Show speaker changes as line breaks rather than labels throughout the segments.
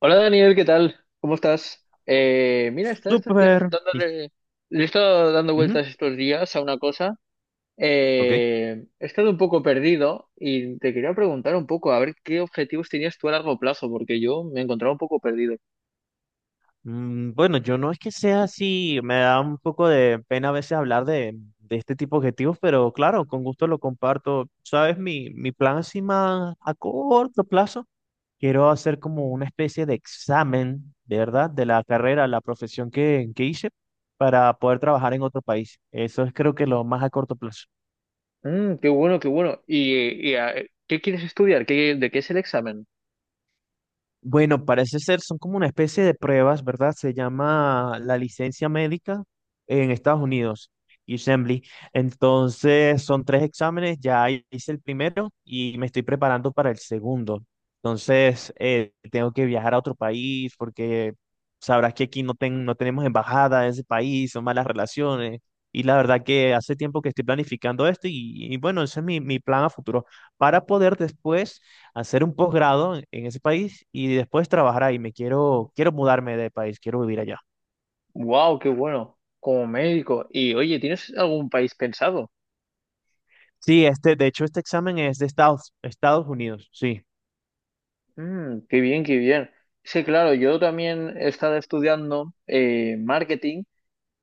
Hola Daniel, ¿qué tal? ¿Cómo estás?
Oh,
Mira, estaba estos días
Súper.
dándole, le he estado dando
Ujú.
vueltas estos días a una cosa.
Ok.
He estado un poco perdido y te quería preguntar un poco a ver qué objetivos tenías tú a largo plazo, porque yo me encontraba un poco perdido.
Bueno, yo no es que sea así, me da un poco de pena a veces hablar de este tipo de objetivos, pero claro, con gusto lo comparto. ¿Sabes? Mi plan así más a corto plazo, quiero hacer como una especie de examen, de verdad, de la carrera, la profesión que hice para poder trabajar en otro país. Eso es creo que lo más a corto plazo.
Mm, qué bueno, qué bueno. ¿ Qué quieres estudiar? ¿ de qué es el examen?
Bueno, parece ser, son como una especie de pruebas, ¿verdad? Se llama la licencia médica en Estados Unidos, Assembly. Entonces, son tres exámenes, ya hice el primero y me estoy preparando para el segundo. Entonces, tengo que viajar a otro país porque sabrás que aquí no, no tenemos embajada en ese país, son malas relaciones. Y la verdad que hace tiempo que estoy planificando esto y bueno, ese es mi plan a futuro para poder después hacer un posgrado en ese país y después trabajar ahí. Quiero mudarme de país, quiero vivir allá.
Wow, qué bueno. Como médico. Y oye, ¿tienes algún país pensado?
Sí, este, de hecho, este examen es de Estados Unidos, sí.
Mm, qué bien, qué bien. Sí, claro, yo también he estado estudiando marketing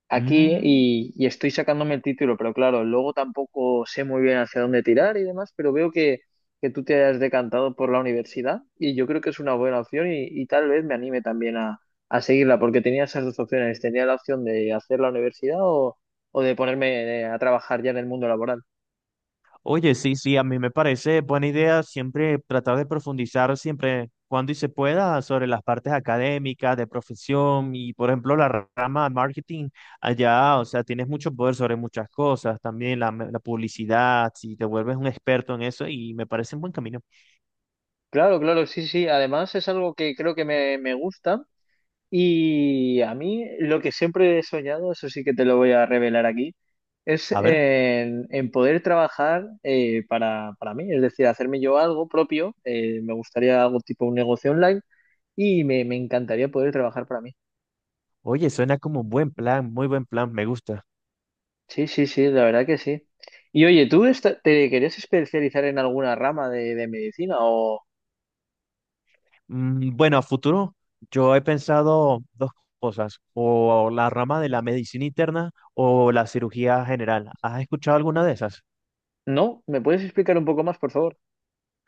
aquí
Mm,
y estoy sacándome el título, pero claro, luego tampoco sé muy bien hacia dónde tirar y demás, pero que tú te has decantado por la universidad y yo creo que es una buena opción y tal vez me anime también a seguirla, porque tenía esas dos opciones, tenía la opción de hacer la universidad o de ponerme a trabajar ya en el mundo laboral.
Oye, sí, sí, a mí me parece buena idea siempre tratar de profundizar siempre cuando y se pueda sobre las partes académicas, de profesión y, por ejemplo, la rama de marketing allá, o sea, tienes mucho poder sobre muchas cosas, también la publicidad, si te vuelves un experto en eso y me parece un buen camino.
Claro, claro, sí, sí. Además es algo que creo que me gusta. Y a mí lo que siempre he soñado, eso sí que te lo voy a revelar aquí, es
A ver.
en poder trabajar para mí, es decir, hacerme yo algo propio, me gustaría algo tipo un negocio online y me encantaría poder trabajar para mí.
Oye, suena como un buen plan, muy buen plan, me gusta.
Sí, sí, sí, la verdad que sí. Y oye, ¿tú te querías especializar en alguna rama de medicina o
Bueno, a futuro yo he pensado dos cosas, o la rama de la medicina interna o la cirugía general. ¿Has escuchado alguna de esas?
no? ¿Me puedes explicar un poco más, por favor?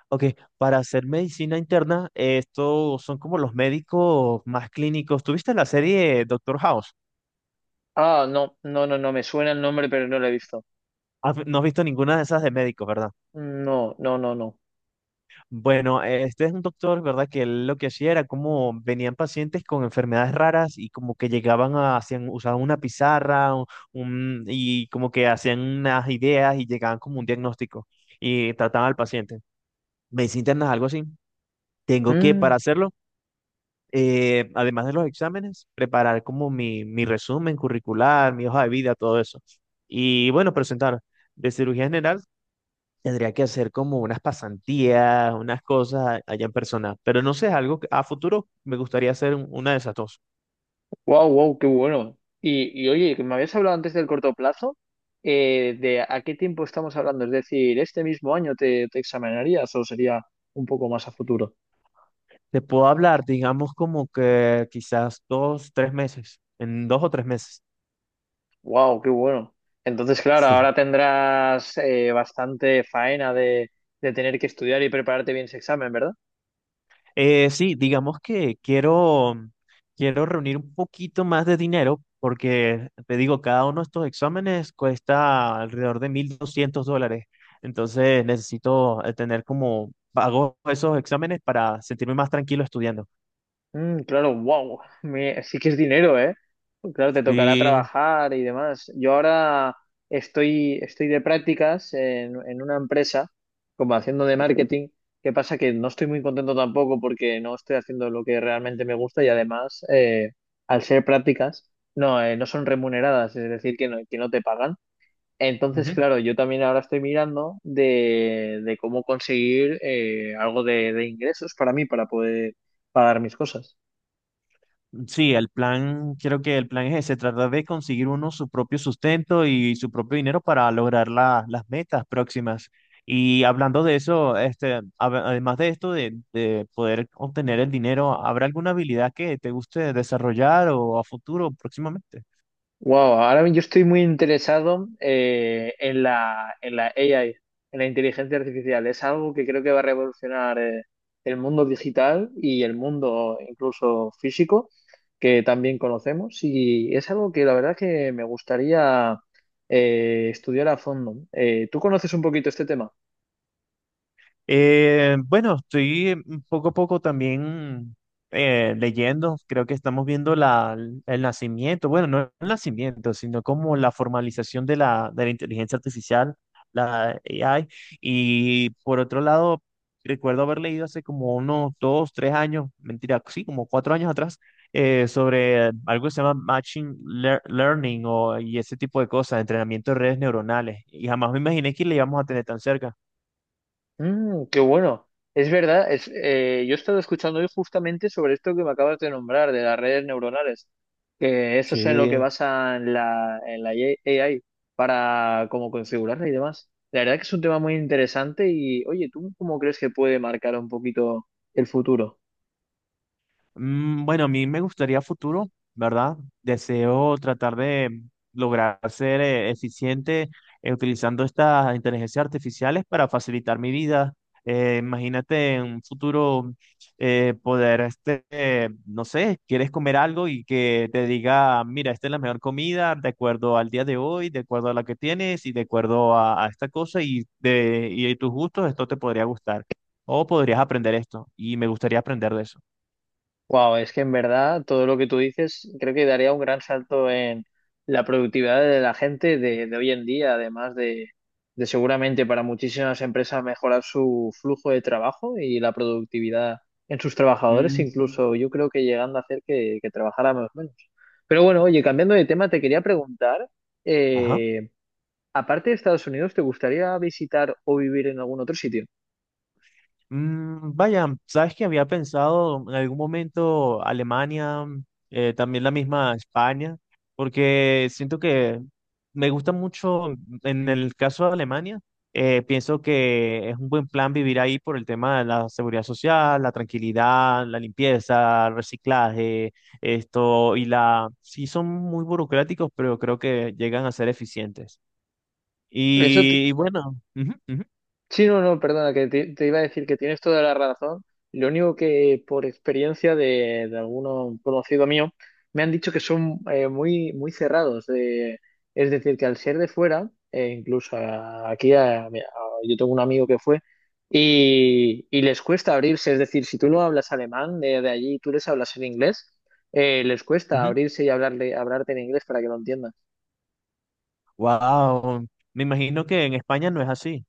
Ok, para hacer medicina interna, estos son como los médicos más clínicos. ¿Tuviste la serie Doctor House?
Ah, no, no, no, no, me suena el nombre, pero no lo he visto.
No has visto ninguna de esas de médicos, ¿verdad?
No, no, no, no.
Bueno, este es un doctor, ¿verdad? Que él lo que hacía era como venían pacientes con enfermedades raras y como que llegaban a, hacían, usaban una pizarra y como que hacían unas ideas y llegaban como un diagnóstico y trataban al paciente. Medicina interna es algo así. Tengo que,
Mm.
para hacerlo, además de los exámenes, preparar como mi resumen curricular, mi hoja de vida, todo eso. Y bueno, presentar. De cirugía general tendría que hacer como unas pasantías, unas cosas allá en persona, pero no sé, es algo que a futuro me gustaría hacer una de esas dos.
Wow, wow, qué bueno. Y oye, que me habías hablado antes del corto plazo, de a qué tiempo estamos hablando, es decir, ¿este mismo año te examinarías o sería un poco más a futuro?
Te puedo hablar, digamos, como que quizás 2, 3 meses, en 2 o 3 meses.
Wow, qué bueno. Entonces, claro,
Sí,
ahora tendrás bastante faena de tener que estudiar y prepararte bien ese examen, ¿verdad?
Sí, digamos que quiero reunir un poquito más de dinero porque, te digo, cada uno de estos exámenes cuesta alrededor de $1.200, entonces necesito tener como, pago esos exámenes para sentirme más tranquilo estudiando.
Mm, claro, wow, me, sí que es dinero, ¿eh? Pues claro, te tocará
Sí,
trabajar y demás. Yo ahora estoy de prácticas en una empresa, como haciendo de marketing. ¿Qué pasa? Que no estoy muy contento tampoco porque no estoy haciendo lo que realmente me gusta y además, al ser prácticas, no, no son remuneradas, es decir, que no te pagan. Entonces,
Ujú.
claro, yo también ahora estoy mirando de cómo conseguir algo de ingresos para mí, para poder pagar mis cosas.
Sí, el plan, creo que el plan es ese, tratar de conseguir uno su propio sustento y su propio dinero para lograr las metas próximas. Y hablando de eso, este, además de esto de poder obtener el dinero, ¿habrá alguna habilidad que te guste desarrollar o a futuro próximamente?
Wow, ahora yo estoy muy interesado en en la AI, en la inteligencia artificial. Es algo que creo que va a revolucionar el mundo digital y el mundo incluso físico, que también conocemos. Y es algo que la verdad que me gustaría estudiar a fondo. ¿Tú conoces un poquito este tema?
Bueno, estoy un poco a poco también leyendo, creo que estamos viendo el nacimiento, bueno, no el nacimiento, sino como la formalización de la inteligencia artificial, la AI. Y por otro lado, recuerdo haber leído hace como unos 2, 3 años, mentira, sí, como 4 años atrás, sobre algo que se llama Machine Learning o, y ese tipo de cosas, entrenamiento de redes neuronales. Y jamás me imaginé que le íbamos a tener tan cerca.
Mm, qué bueno. Es verdad, yo he estado escuchando hoy justamente sobre esto que me acabas de nombrar, de las redes neuronales, que eso es en lo que
Sí.
en la AI para como configurarla y demás. La verdad que es un tema muy interesante y, oye, ¿tú cómo crees que puede marcar un poquito el futuro?
Bueno, a mí me gustaría a futuro, ¿verdad? Deseo tratar de lograr ser eficiente utilizando estas inteligencias artificiales para facilitar mi vida. Imagínate en un futuro poder, este, no sé, quieres comer algo y que te diga, mira, esta es la mejor comida de acuerdo al día de hoy, de acuerdo a la que tienes y de acuerdo a esta cosa y de y tus gustos, esto te podría gustar o podrías aprender esto y me gustaría aprender de eso.
Wow, es que en verdad todo lo que tú dices creo que daría un gran salto en la productividad de la gente de hoy en día, además de seguramente para muchísimas empresas mejorar su flujo de trabajo y la productividad en sus trabajadores, incluso yo creo que llegando a hacer que trabajáramos menos. Pero bueno, oye, cambiando de tema, te quería preguntar,
Ajá.
eh, aparte de Estados Unidos, ¿te gustaría visitar o vivir en algún otro sitio?
Vaya, sabes que había pensado en algún momento Alemania, también la misma España, porque siento que me gusta mucho, en el caso de Alemania, pienso que es un buen plan vivir ahí por el tema de la seguridad social, la tranquilidad, la limpieza, el reciclaje, esto y la... Sí, son muy burocráticos, pero creo que llegan a ser eficientes.
Eso.
Y bueno. Ujú, ujú,
Sí, no, no, perdona, que te iba a decir que tienes toda la razón. Lo único que por experiencia de alguno conocido mío, me han dicho que son muy, muy cerrados. Es decir, que al ser de fuera, incluso a- aquí a- mira, yo tengo un amigo que fue, y les cuesta abrirse. Es decir, si tú no hablas alemán de allí y tú les hablas en inglés, les cuesta
ujú.
abrirse y hablarte en inglés para que lo entiendan.
Wow, me imagino que en España no es así.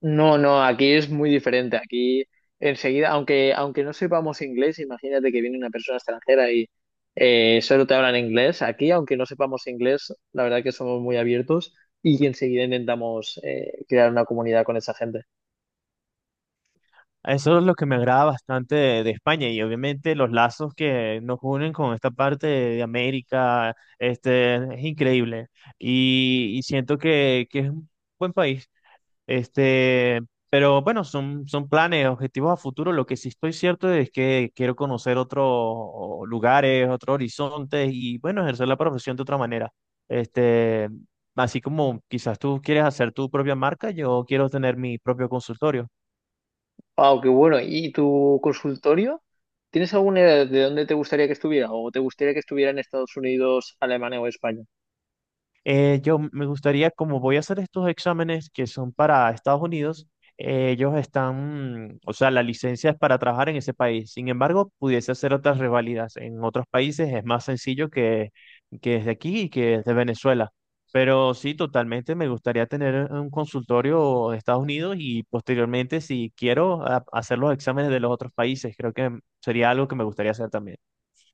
No, no, aquí es muy diferente. Aquí enseguida, aunque no sepamos inglés, imagínate que viene una persona extranjera y solo te hablan inglés. Aquí, aunque no sepamos inglés, la verdad que somos muy abiertos y enseguida intentamos crear una comunidad con esa gente.
Eso es lo que me agrada bastante de España y obviamente los lazos que nos unen con esta parte de América, este, es increíble y siento que es un buen país. Este, pero bueno, son planes, objetivos a futuro. Lo que sí estoy cierto es que quiero conocer otros lugares, otros horizontes y bueno, ejercer la profesión de otra manera. Este, así como quizás tú quieres hacer tu propia marca, yo quiero tener mi propio consultorio.
Wow, qué bueno. ¿Y tu consultorio? ¿Tienes alguna idea de dónde te gustaría que estuviera? ¿O te gustaría que estuviera en Estados Unidos, Alemania o España?
Yo me gustaría, como voy a hacer estos exámenes que son para Estados Unidos, ellos están, o sea, la licencia es para trabajar en ese país. Sin embargo, pudiese hacer otras revalidas en otros países, es más sencillo que desde aquí y que desde Venezuela. Pero sí, totalmente me gustaría tener un consultorio de Estados Unidos y posteriormente, si quiero, hacer los exámenes de los otros países. Creo que sería algo que me gustaría hacer también.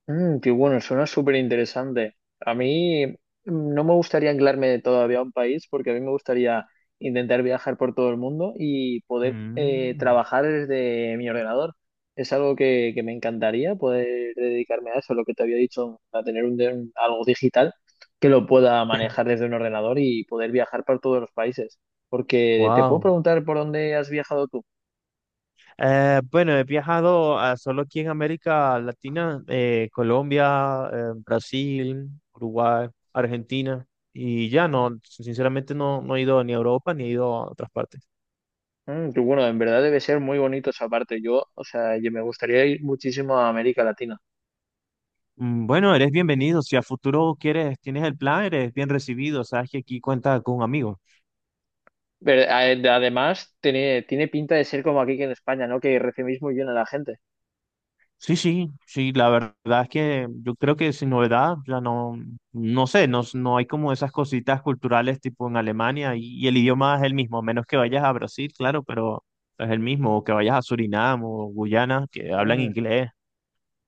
Mm, qué bueno, suena súper interesante. A mí mm, no me gustaría anclarme todavía a un país porque a mí me gustaría intentar viajar por todo el mundo y poder
Mm,
trabajar desde mi ordenador. Es algo que me encantaría poder dedicarme a eso, lo que te había dicho, a tener algo digital que lo pueda manejar desde un ordenador y poder viajar por todos los países. Porque te puedo
wow.
preguntar por dónde has viajado tú.
Bueno, he viajado solo aquí en América Latina, Colombia, Brasil, Uruguay, Argentina y ya no, sinceramente no, no he ido ni a Europa ni he ido a otras partes.
Mm, qué bueno, en verdad debe ser muy bonito esa parte. Yo, o sea, yo me gustaría ir muchísimo a América Latina.
Bueno, eres bienvenido. Si a futuro quieres, tienes el plan, eres bien recibido. Sabes que aquí cuentas con un amigo.
Pero además, tiene pinta de ser como aquí que en España, ¿no? Que recibís muy bien a la gente.
Sí, sí, sí, la verdad es que yo creo que sin novedad, ya no, no sé, no hay como esas cositas culturales tipo en Alemania y el idioma es el mismo, a menos que vayas a Brasil, claro, pero es el mismo, o que vayas a Surinam o Guyana, que hablan
Mm,
inglés.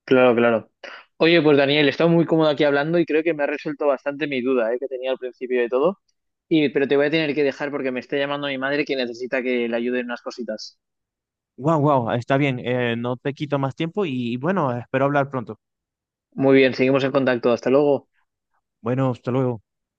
claro, claro. Oye, pues Daniel, he estado muy cómodo aquí hablando y creo que me ha resuelto bastante mi duda, ¿eh? Que tenía al principio de todo. Y, pero te voy a tener que dejar porque me está llamando mi madre que necesita que le ayude en unas cositas.
Wow, wow, está bien, no te quito más tiempo y bueno, espero hablar pronto.
Muy bien, seguimos en contacto. Hasta luego.
Bueno, hasta luego.